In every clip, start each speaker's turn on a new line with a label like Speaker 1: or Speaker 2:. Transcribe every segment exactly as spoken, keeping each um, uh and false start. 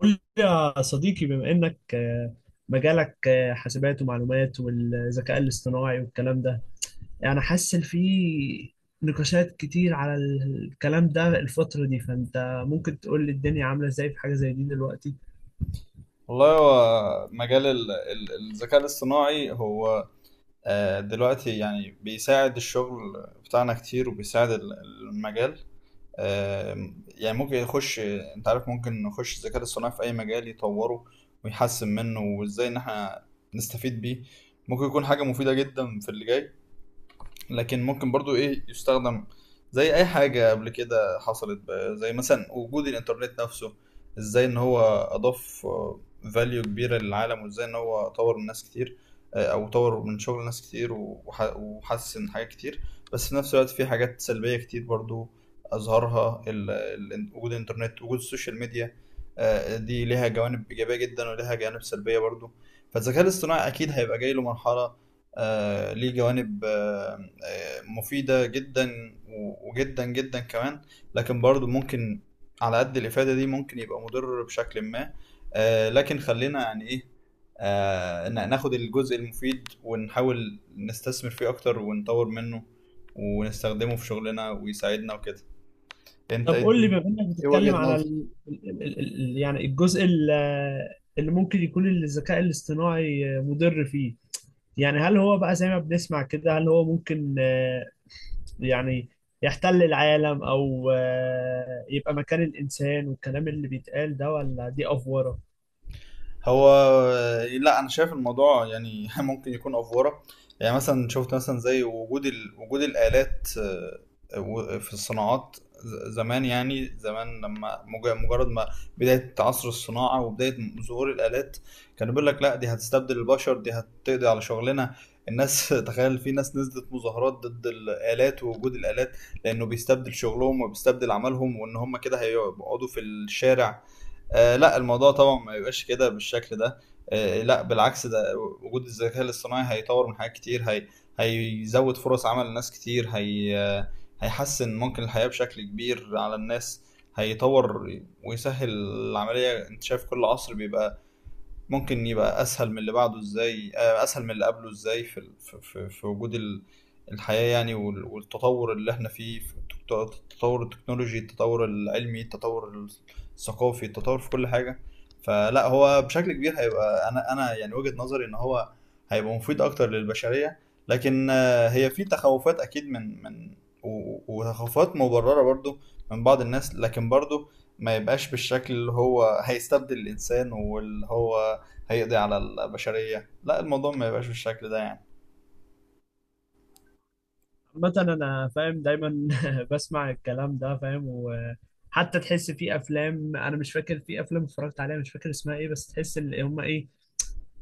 Speaker 1: قول لي يا صديقي بما انك آه، مجالك آه، حاسبات ومعلومات والذكاء الاصطناعي والكلام ده، يعني حاسس إن في نقاشات كتير على الكلام ده الفترة دي. فانت ممكن تقول لي الدنيا عاملة ازاي في حاجة زي دي دلوقتي؟
Speaker 2: والله هو مجال ال- ال- الذكاء الاصطناعي هو، آه، دلوقتي يعني بيساعد الشغل بتاعنا كتير، وبيساعد ال- المجال. آه، يعني ممكن يخش، انت عارف، ممكن نخش الذكاء الاصطناعي في اي مجال يطوره ويحسن منه، وازاي ان احنا نستفيد بيه. ممكن يكون حاجة مفيدة جدا في اللي جاي، لكن ممكن برضو ايه يستخدم زي اي حاجة قبل كده حصلت، بقى زي مثلا وجود الانترنت نفسه، ازاي ان هو اضاف فاليو كبيرة للعالم، وازاي ان هو طور من ناس كتير، آه، او طور من شغل ناس كتير، وح- وحسن حاجات كتير. بس في نفس الوقت في حاجات سلبية كتير برضو اظهرها ال- ال- وجود الانترنت، وجود السوشيال ميديا. آه، دي ليها جوانب ايجابية جدا وليها جوانب سلبية برضو. فالذكاء الاصطناعي اكيد هيبقى جاي له مرحلة، آه، ليه جوانب آه، آه، مفيدة جدا، و- وجدا جدا كمان. لكن برضو ممكن على قد الإفادة دي ممكن يبقى مضر بشكل ما. آه، لكن خلينا يعني إيه، آه، ن- ناخد الجزء المفيد، ونحاول نستثمر فيه أكتر ونطور منه ونستخدمه في شغلنا ويساعدنا وكده. أنت
Speaker 1: طب
Speaker 2: إيه
Speaker 1: قول لي،
Speaker 2: الدنيا؟
Speaker 1: بما انك
Speaker 2: إيه
Speaker 1: بتتكلم
Speaker 2: وجهة
Speaker 1: على
Speaker 2: نظرك؟
Speaker 1: ال... ال... ال... ال- يعني الجزء ال- آه، اللي ممكن يكون الذكاء الاصطناعي آه، مضر فيه. يعني هل هو بقى زي ما بنسمع كده، هل هو ممكن، آه، يعني، يحتل العالم او آه، يبقى مكان الانسان، والكلام اللي بيتقال ده ولا دي افوره؟
Speaker 2: هو لا، انا شايف الموضوع يعني ممكن يكون افوره. يعني مثلا شفت مثلا زي وجود ال... وجود الالات، آه، و- في الصناعات، ز- زمان، يعني زمان لما مج- مجرد ما بدايه عصر الصناعه وبدايه ظهور الالات، كانوا بيقول لك لا، دي هتستبدل البشر، دي هتقضي على شغلنا، الناس. تخيل في ناس نزلت مظاهرات ضد الالات ووجود الالات، لانه بيستبدل شغلهم وبيستبدل عملهم وان هم كده هيقعدوا في الشارع. آه لا، الموضوع طبعا ما يبقاش كده بالشكل ده. آه لا، بالعكس. ده وجود الذكاء الاصطناعي هيطور من حاجات كتير، هي هيزود فرص عمل لناس كتير، هي آه، هيحسن ممكن الحياة بشكل كبير على الناس، هيطور ويسهل العملية. انت شايف كل عصر بيبقى ممكن يبقى اسهل من اللي بعده، ازاي آه، اسهل من اللي قبله، ازاي في ال- في في في وجود ال- الحياة يعني، وال- والتطور اللي احنا فيه في التك- التطور التكنولوجي، التطور العلمي، التطور الثقافي، التطور في كل حاجة. فلا هو بشكل كبير هيبقى، انا انا يعني وجهة نظري ان هو هيبقى مفيد اكتر للبشرية. لكن آه، هي في تخوفات اكيد من من، و- و- وتخوفات مبررة برضو من بعض الناس، لكن برضو ما يبقاش بالشكل اللي هو هيستبدل الإنسان، واللي هو هيقضي على البشرية. لا، الموضوع ما يبقاش بالشكل ده يعني.
Speaker 1: عامه انا فاهم، دايما بسمع الكلام ده، فاهم. وحتى تحس في افلام، انا مش فاكر في افلام اتفرجت عليها مش فاكر اسمها ايه، بس تحس ان هم ايه،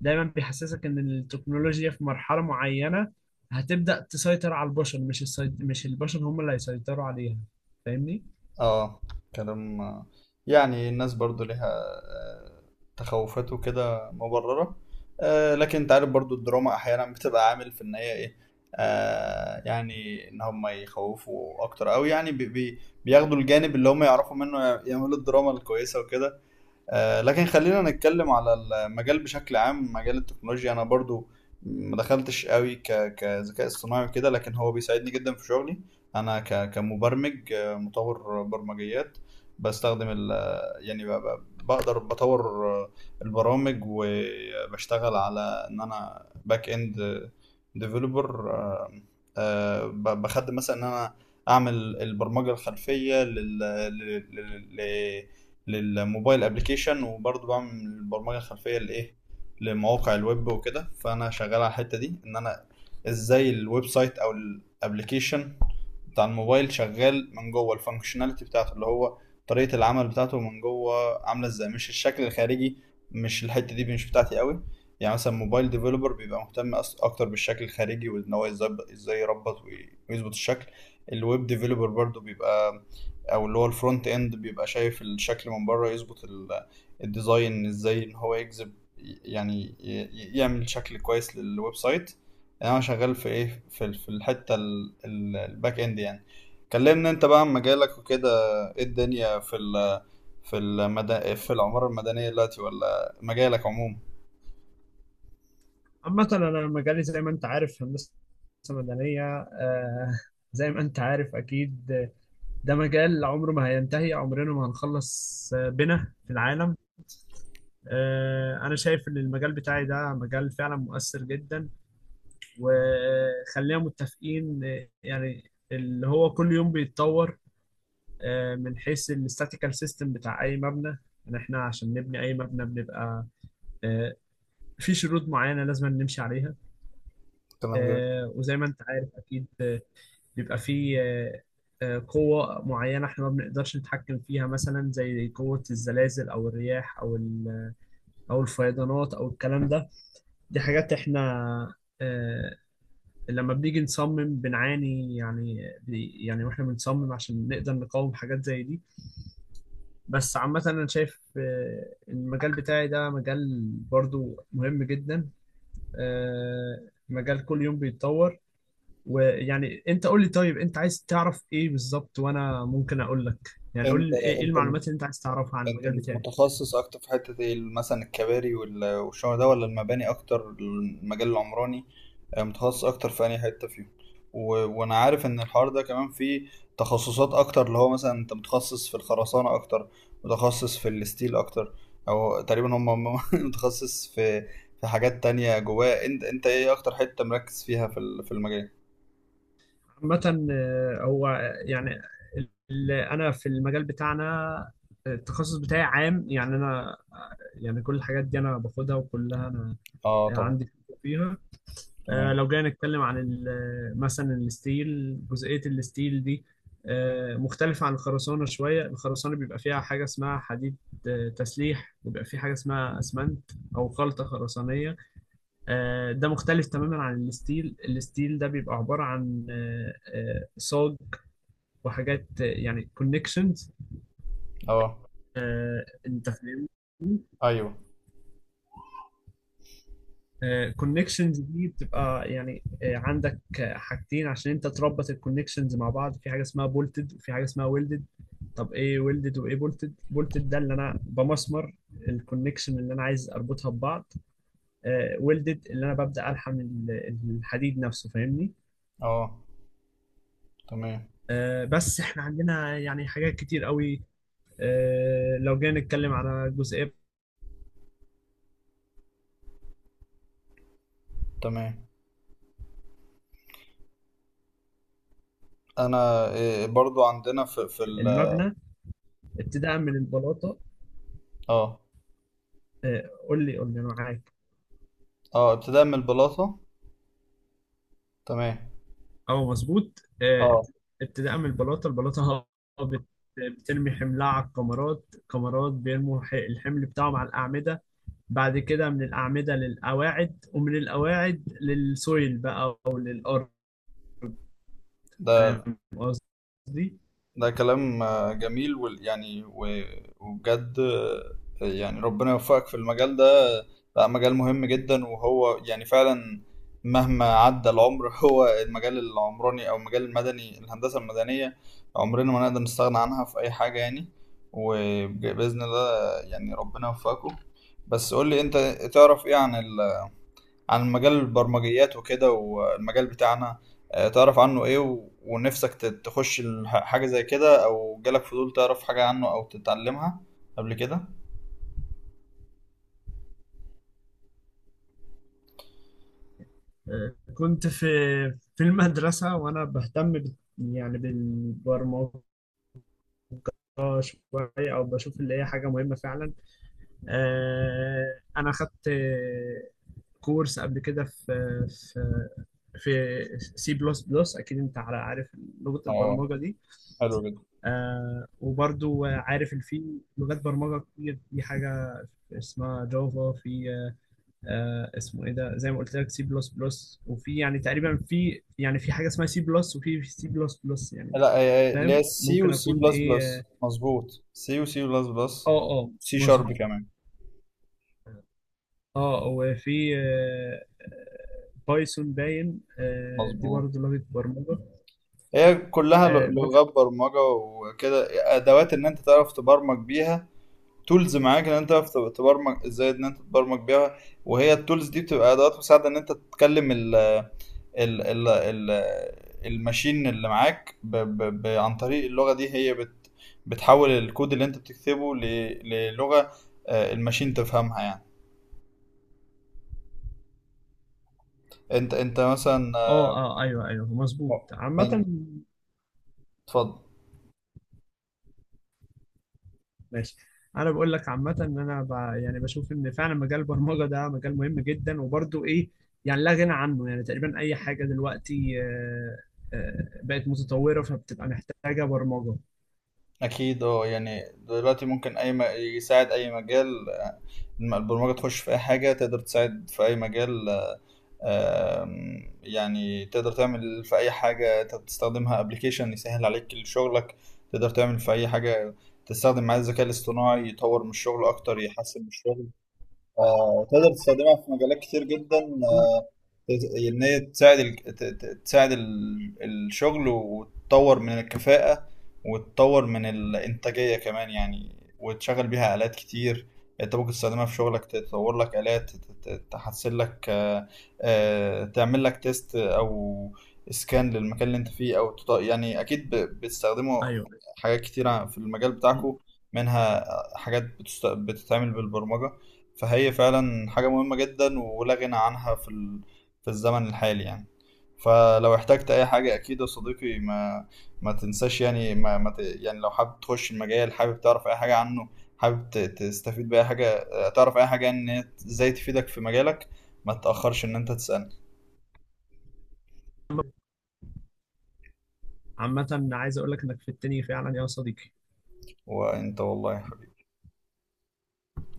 Speaker 1: دايما بيحسسك ان التكنولوجيا في مرحله معينه هتبدا تسيطر على البشر، مش السيط... مش البشر هم اللي هيسيطروا عليها. فاهمني؟
Speaker 2: اه، كلام. يعني الناس برضو ليها آه، تخوفات وكده مبررة. آه، لكن انت عارف برضو الدراما احيانا بتبقى عامل في ان هي ايه، آه، يعني ان هم يخوفوا اكتر، او يعني بي بي بياخدوا الجانب اللي هم يعرفوا منه يعملوا الدراما الكويسة وكده. آه، لكن خلينا نتكلم على المجال بشكل عام، مجال التكنولوجيا. انا برضو ما دخلتش قوي ك- كذكاء اصطناعي وكده، لكن هو بيساعدني جدا في شغلي. انا ك- كمبرمج، آه، مطور برمجيات. بستخدم ال، يعني ب- ب- بقدر بطور آه، البرامج، وبشتغل على ان انا باك اند ديفلوبر. بخدم مثلا ان انا اعمل البرمجه الخلفيه لل... لل... لل... للموبايل ابلكيشن، وبرضه بعمل برمجه خلفيه لايه، لمواقع الويب وكده. فانا شغال على الحته دي، ان انا ازاي الويب سايت او الابلكيشن بتاع الموبايل شغال من جوه، الفانكشناليتي بتاعته اللي هو طريقه العمل بتاعته من جوه عامله ازاي، مش الشكل الخارجي. مش الحته دي مش بتاعتي قوي. يعني مثلا موبايل ديفلوبر بيبقى مهتم أص- اكتر بالشكل الخارجي، وان هو ازاي ازاي يربط وي- ويظبط الشكل. الويب ديفلوبر برضو بيبقى، او اللي هو الفرونت اند، بيبقى شايف الشكل من بره، يظبط ال- الديزاين ازاي ان هو يجذب، يعني ي- ي- يعمل شكل كويس للويب سايت. انا شغال في ايه؟ في ال- في الحته ال- ال- الباك اند يعني. كلمنا انت بقى عن مجالك وكده. ايه الدنيا في ال في المدن، في العمارة المدنية دلوقتي، ولا مجالك عموما؟
Speaker 1: عامة أنا مجالي زي ما أنت عارف هندسة مدنية. آه زي ما أنت عارف أكيد، آه، ده مجال عمره ما هينتهي، عمرنا ما هنخلص آه، بنا في العالم. آه أنا شايف إن المجال بتاعي ده مجال فعلا مؤثر جدا، وخلينا متفقين، آه، يعني اللي هو كل يوم بيتطور آه من حيث الاستاتيكال سيستم بتاع أي مبنى. يعني إحنا عشان نبني أي مبنى بنبقى آه في شروط معينة لازم نمشي عليها.
Speaker 2: كلام جميل.
Speaker 1: آه وزي ما أنت عارف أكيد آه، بيبقى فيه آه، آه، قوة معينة احنا ما بنقدرش نتحكم فيها، مثلا زي قوة الزلازل أو الرياح أو ال- أو الفيضانات أو الكلام ده. دي حاجات احنا آه، لما بنيجي نصمم بنعاني، يعني بي- يعني واحنا بنصمم عشان نقدر نقاوم حاجات زي دي. بس عامة أنا شايف آه، المجال بتاعي ده مجال برضو مهم جدا، آه، مجال كل يوم بيتطور. ويعني انت قول لي، طيب انت عايز تعرف ايه بالظبط وانا ممكن اقول لك. يعني قول
Speaker 2: انت
Speaker 1: لي ايه، إيه
Speaker 2: انت
Speaker 1: المعلومات اللي انت عايز تعرفها عن
Speaker 2: انت
Speaker 1: المجال بتاعي.
Speaker 2: متخصص اكتر في حتة ايه؟ مثلا الكباري وال- والشغل ده، ولا المباني اكتر، المجال العمراني؟ آه، متخصص اكتر في اي حتة فيهم؟ و... وانا عارف ان الحوار ده كمان فيه تخصصات اكتر، اللي هو مثلا انت متخصص في الخرسانة اكتر، متخصص في الستيل اكتر، او تقريبا هم متخصص في في حاجات تانية جواه. انت انت ايه اكتر حتة مركز فيها في ال- في المجال؟
Speaker 1: عامة آه، هو، يعني اللي انا في المجال بتاعنا، آه، التخصص بتاعي عام. يعني انا آه، يعني كل الحاجات دي انا باخدها وكلها انا
Speaker 2: اه طبعا.
Speaker 1: عندي خبرة فيها. آه،
Speaker 2: تمام.
Speaker 1: لو جينا نتكلم عن ال- مثلا الستيل، جزئية الستيل دي آه، مختلفة عن الخرسانة شوية. الخرسانة بيبقى فيها حاجة اسمها حديد آه، تسليح، وبيبقى فيه حاجة اسمها أسمنت أو خلطة خرسانية. آه، ده مختلف تماما عن الستيل. الستيل ده بيبقى عبارة عن آه، آه، صاج، وحاجات آه، يعني كونكشنز.
Speaker 2: اه،
Speaker 1: أنت فاهم؟
Speaker 2: ايوه.
Speaker 1: كونكشنز دي بتبقى يعني آه، عندك آه، حاجتين عشان انت تربط الكونكشنز مع بعض، في حاجه اسمها بولتد وفي حاجه اسمها ويلدد. طب ايه ويلدد وايه بولتد؟ بولتد ده اللي انا بمسمر الكونكشن اللي انا عايز اربطها ببعض. ويلدد اللي انا ببدا الحم ال- الحديد نفسه. فاهمني؟
Speaker 2: اه. تمام.
Speaker 1: آه، بس احنا عندنا يعني حاجات كتير قوي. آه، لو جينا نتكلم على جزئيه
Speaker 2: تمام. انا إيه، برضو عندنا في في ال.
Speaker 1: المبنى، ابتداء من البلاطه،
Speaker 2: اه.
Speaker 1: آه، قول لي قول لي انا معاك.
Speaker 2: اه، ابتداء من البلاطه. تمام.
Speaker 1: اه مظبوط. آه،
Speaker 2: اه.
Speaker 1: ابتداء من البلاطه، البلاطه بت- بترمي حملها على الكمرات، الكمرات بيرموا ح- الحمل بتاعهم على الاعمده، بعد كده من الاعمده للقواعد ومن القواعد للسويل بقى او للارض.
Speaker 2: ده
Speaker 1: فاهم قصدي؟
Speaker 2: ده كلام آه، جميل، وال- يعني و- وبجد، آه، يعني ربنا يوفقك في المجال ده. بقى مجال مهم جدا، وهو يعني فعلا مهما عدى العمر هو المجال العمراني او المجال المدني، الهندسه المدنيه. عمرنا ما نقدر نستغنى عنها في اي حاجه يعني. وباذن الله يعني ربنا يوفقكم. بس قول لي انت، تعرف ايه عن عن مجال البرمجيات وكده، والمجال بتاعنا؟ آه، تعرف عنه ايه؟ و- ونفسك ت- تخش الح- حاجة زي كده؟ او جالك فضول تعرف حاجة عنه او تتعلمها قبل كده؟
Speaker 1: آه، كنت في في المدرسه وانا بهتم بال- يعني بالبرمجه شويه، او بشوف اللي هي حاجه مهمه فعلا. آه، انا خدت آه، كورس قبل كده في في في سي بلس بلس، اكيد انت على عارف لغه
Speaker 2: اه،
Speaker 1: البرمجه دي.
Speaker 2: حلو جدا.
Speaker 1: آه وبرضو عارف ان في لغات برمجه كتير، في حاجه اسمها جافا، في آه اسمه ايه ده، زي ما قلت لك سي بلس بلس، وفي يعني تقريبا، في يعني في حاجه اسمها سي بلس وفي سي بلس بلس يعني.
Speaker 2: لا، آه، آه، اللي
Speaker 1: فاهم
Speaker 2: هي سي
Speaker 1: ممكن
Speaker 2: وسي
Speaker 1: اكون
Speaker 2: بلس بلس،
Speaker 1: ايه.
Speaker 2: مظبوط، سي وسي بلس بلس.
Speaker 1: اه اه
Speaker 2: سي
Speaker 1: مظبوط.
Speaker 2: شارب كمان.
Speaker 1: اه وفي آه بايثون، باين، آه دي
Speaker 2: مظبوط.
Speaker 1: برضه لغه برمجه
Speaker 2: هي كلها
Speaker 1: آه
Speaker 2: ل-
Speaker 1: بس.
Speaker 2: لغات برمجة وكده، أدوات إن أنت تعرف تبرمج بيها، تولز معاك ان انت تعرف تبرمج ازاي ان انت تبرمج بيها. وهي التولز دي بتبقى ادوات مساعده ان انت تتكلم ال ال ال ال الماشين اللي معاك ب ب ب عن طريق اللغه دي. هي بت بتحول الكود اللي انت بتكتبه ل- للغه آه، الماشين تفهمها يعني. انت، انت مثلا آه،
Speaker 1: اه اه، ايوه ايوه مظبوط.
Speaker 2: م-
Speaker 1: عامه،
Speaker 2: اتفضل.
Speaker 1: ماشي. انا بقول لك عامه ان انا ب... يعني بشوف ان فعلا مجال البرمجه ده مجال مهم جدا، وبرضه ايه، يعني لا غنى عنه. يعني تقريبا اي حاجه دلوقتي آه، آه، بقت متطوره، فبتبقى محتاجه برمجه.
Speaker 2: اكيد، اه. يعني دلوقتي ممكن اي م... يساعد اي مجال، آه، البرمجه تخش في اي حاجه، تقدر تساعد في اي مجال. آم، يعني تقدر تعمل في اي حاجه انت بتستخدمها، ابلكيشن يسهل عليك شغلك. تقدر تعمل في اي حاجه تستخدم معاه الذكاء الاصطناعي، يطور من الشغل اكتر، يحسن من الشغل. آه، تقدر تستخدمها في مجالات كتير جدا، ان هي تساعد ال... ت- ت- تساعد ال... الشغل، وتطور من الكفاءة، وتطور من الإنتاجية كمان يعني، وتشغل بيها آلات كتير. انت ممكن تستخدمها في شغلك، تطور لك آلات، ت- ت- تحسن لك آه، آه، تعمل لك تيست او سكان للمكان اللي انت فيه، او تط... يعني اكيد ب... بتستخدموا
Speaker 1: ايوه،
Speaker 2: حاجات كتيرة في المجال بتاعكم، منها حاجات بتست... بتتعمل بالبرمجة. فهي فعلا حاجة مهمة جدا ولا غنى عنها في ال... في الزمن الحالي يعني. فلو احتجت اي حاجة، اكيد يا صديقي، ما ما تنساش، يعني ما, ما ت... يعني لو حابب تخش المجال، حابب تعرف اي حاجة عنه، حابب ت- تستفيد باي حاجة، آه، تعرف اي حاجة، يعني ان هي ازاي تفيدك في مجالك. ما تتأخرش ان انت تسألني.
Speaker 1: عامه عايز اقول لك انك في التاني فعلا يا صديقي.
Speaker 2: وانت والله يا حبيبي.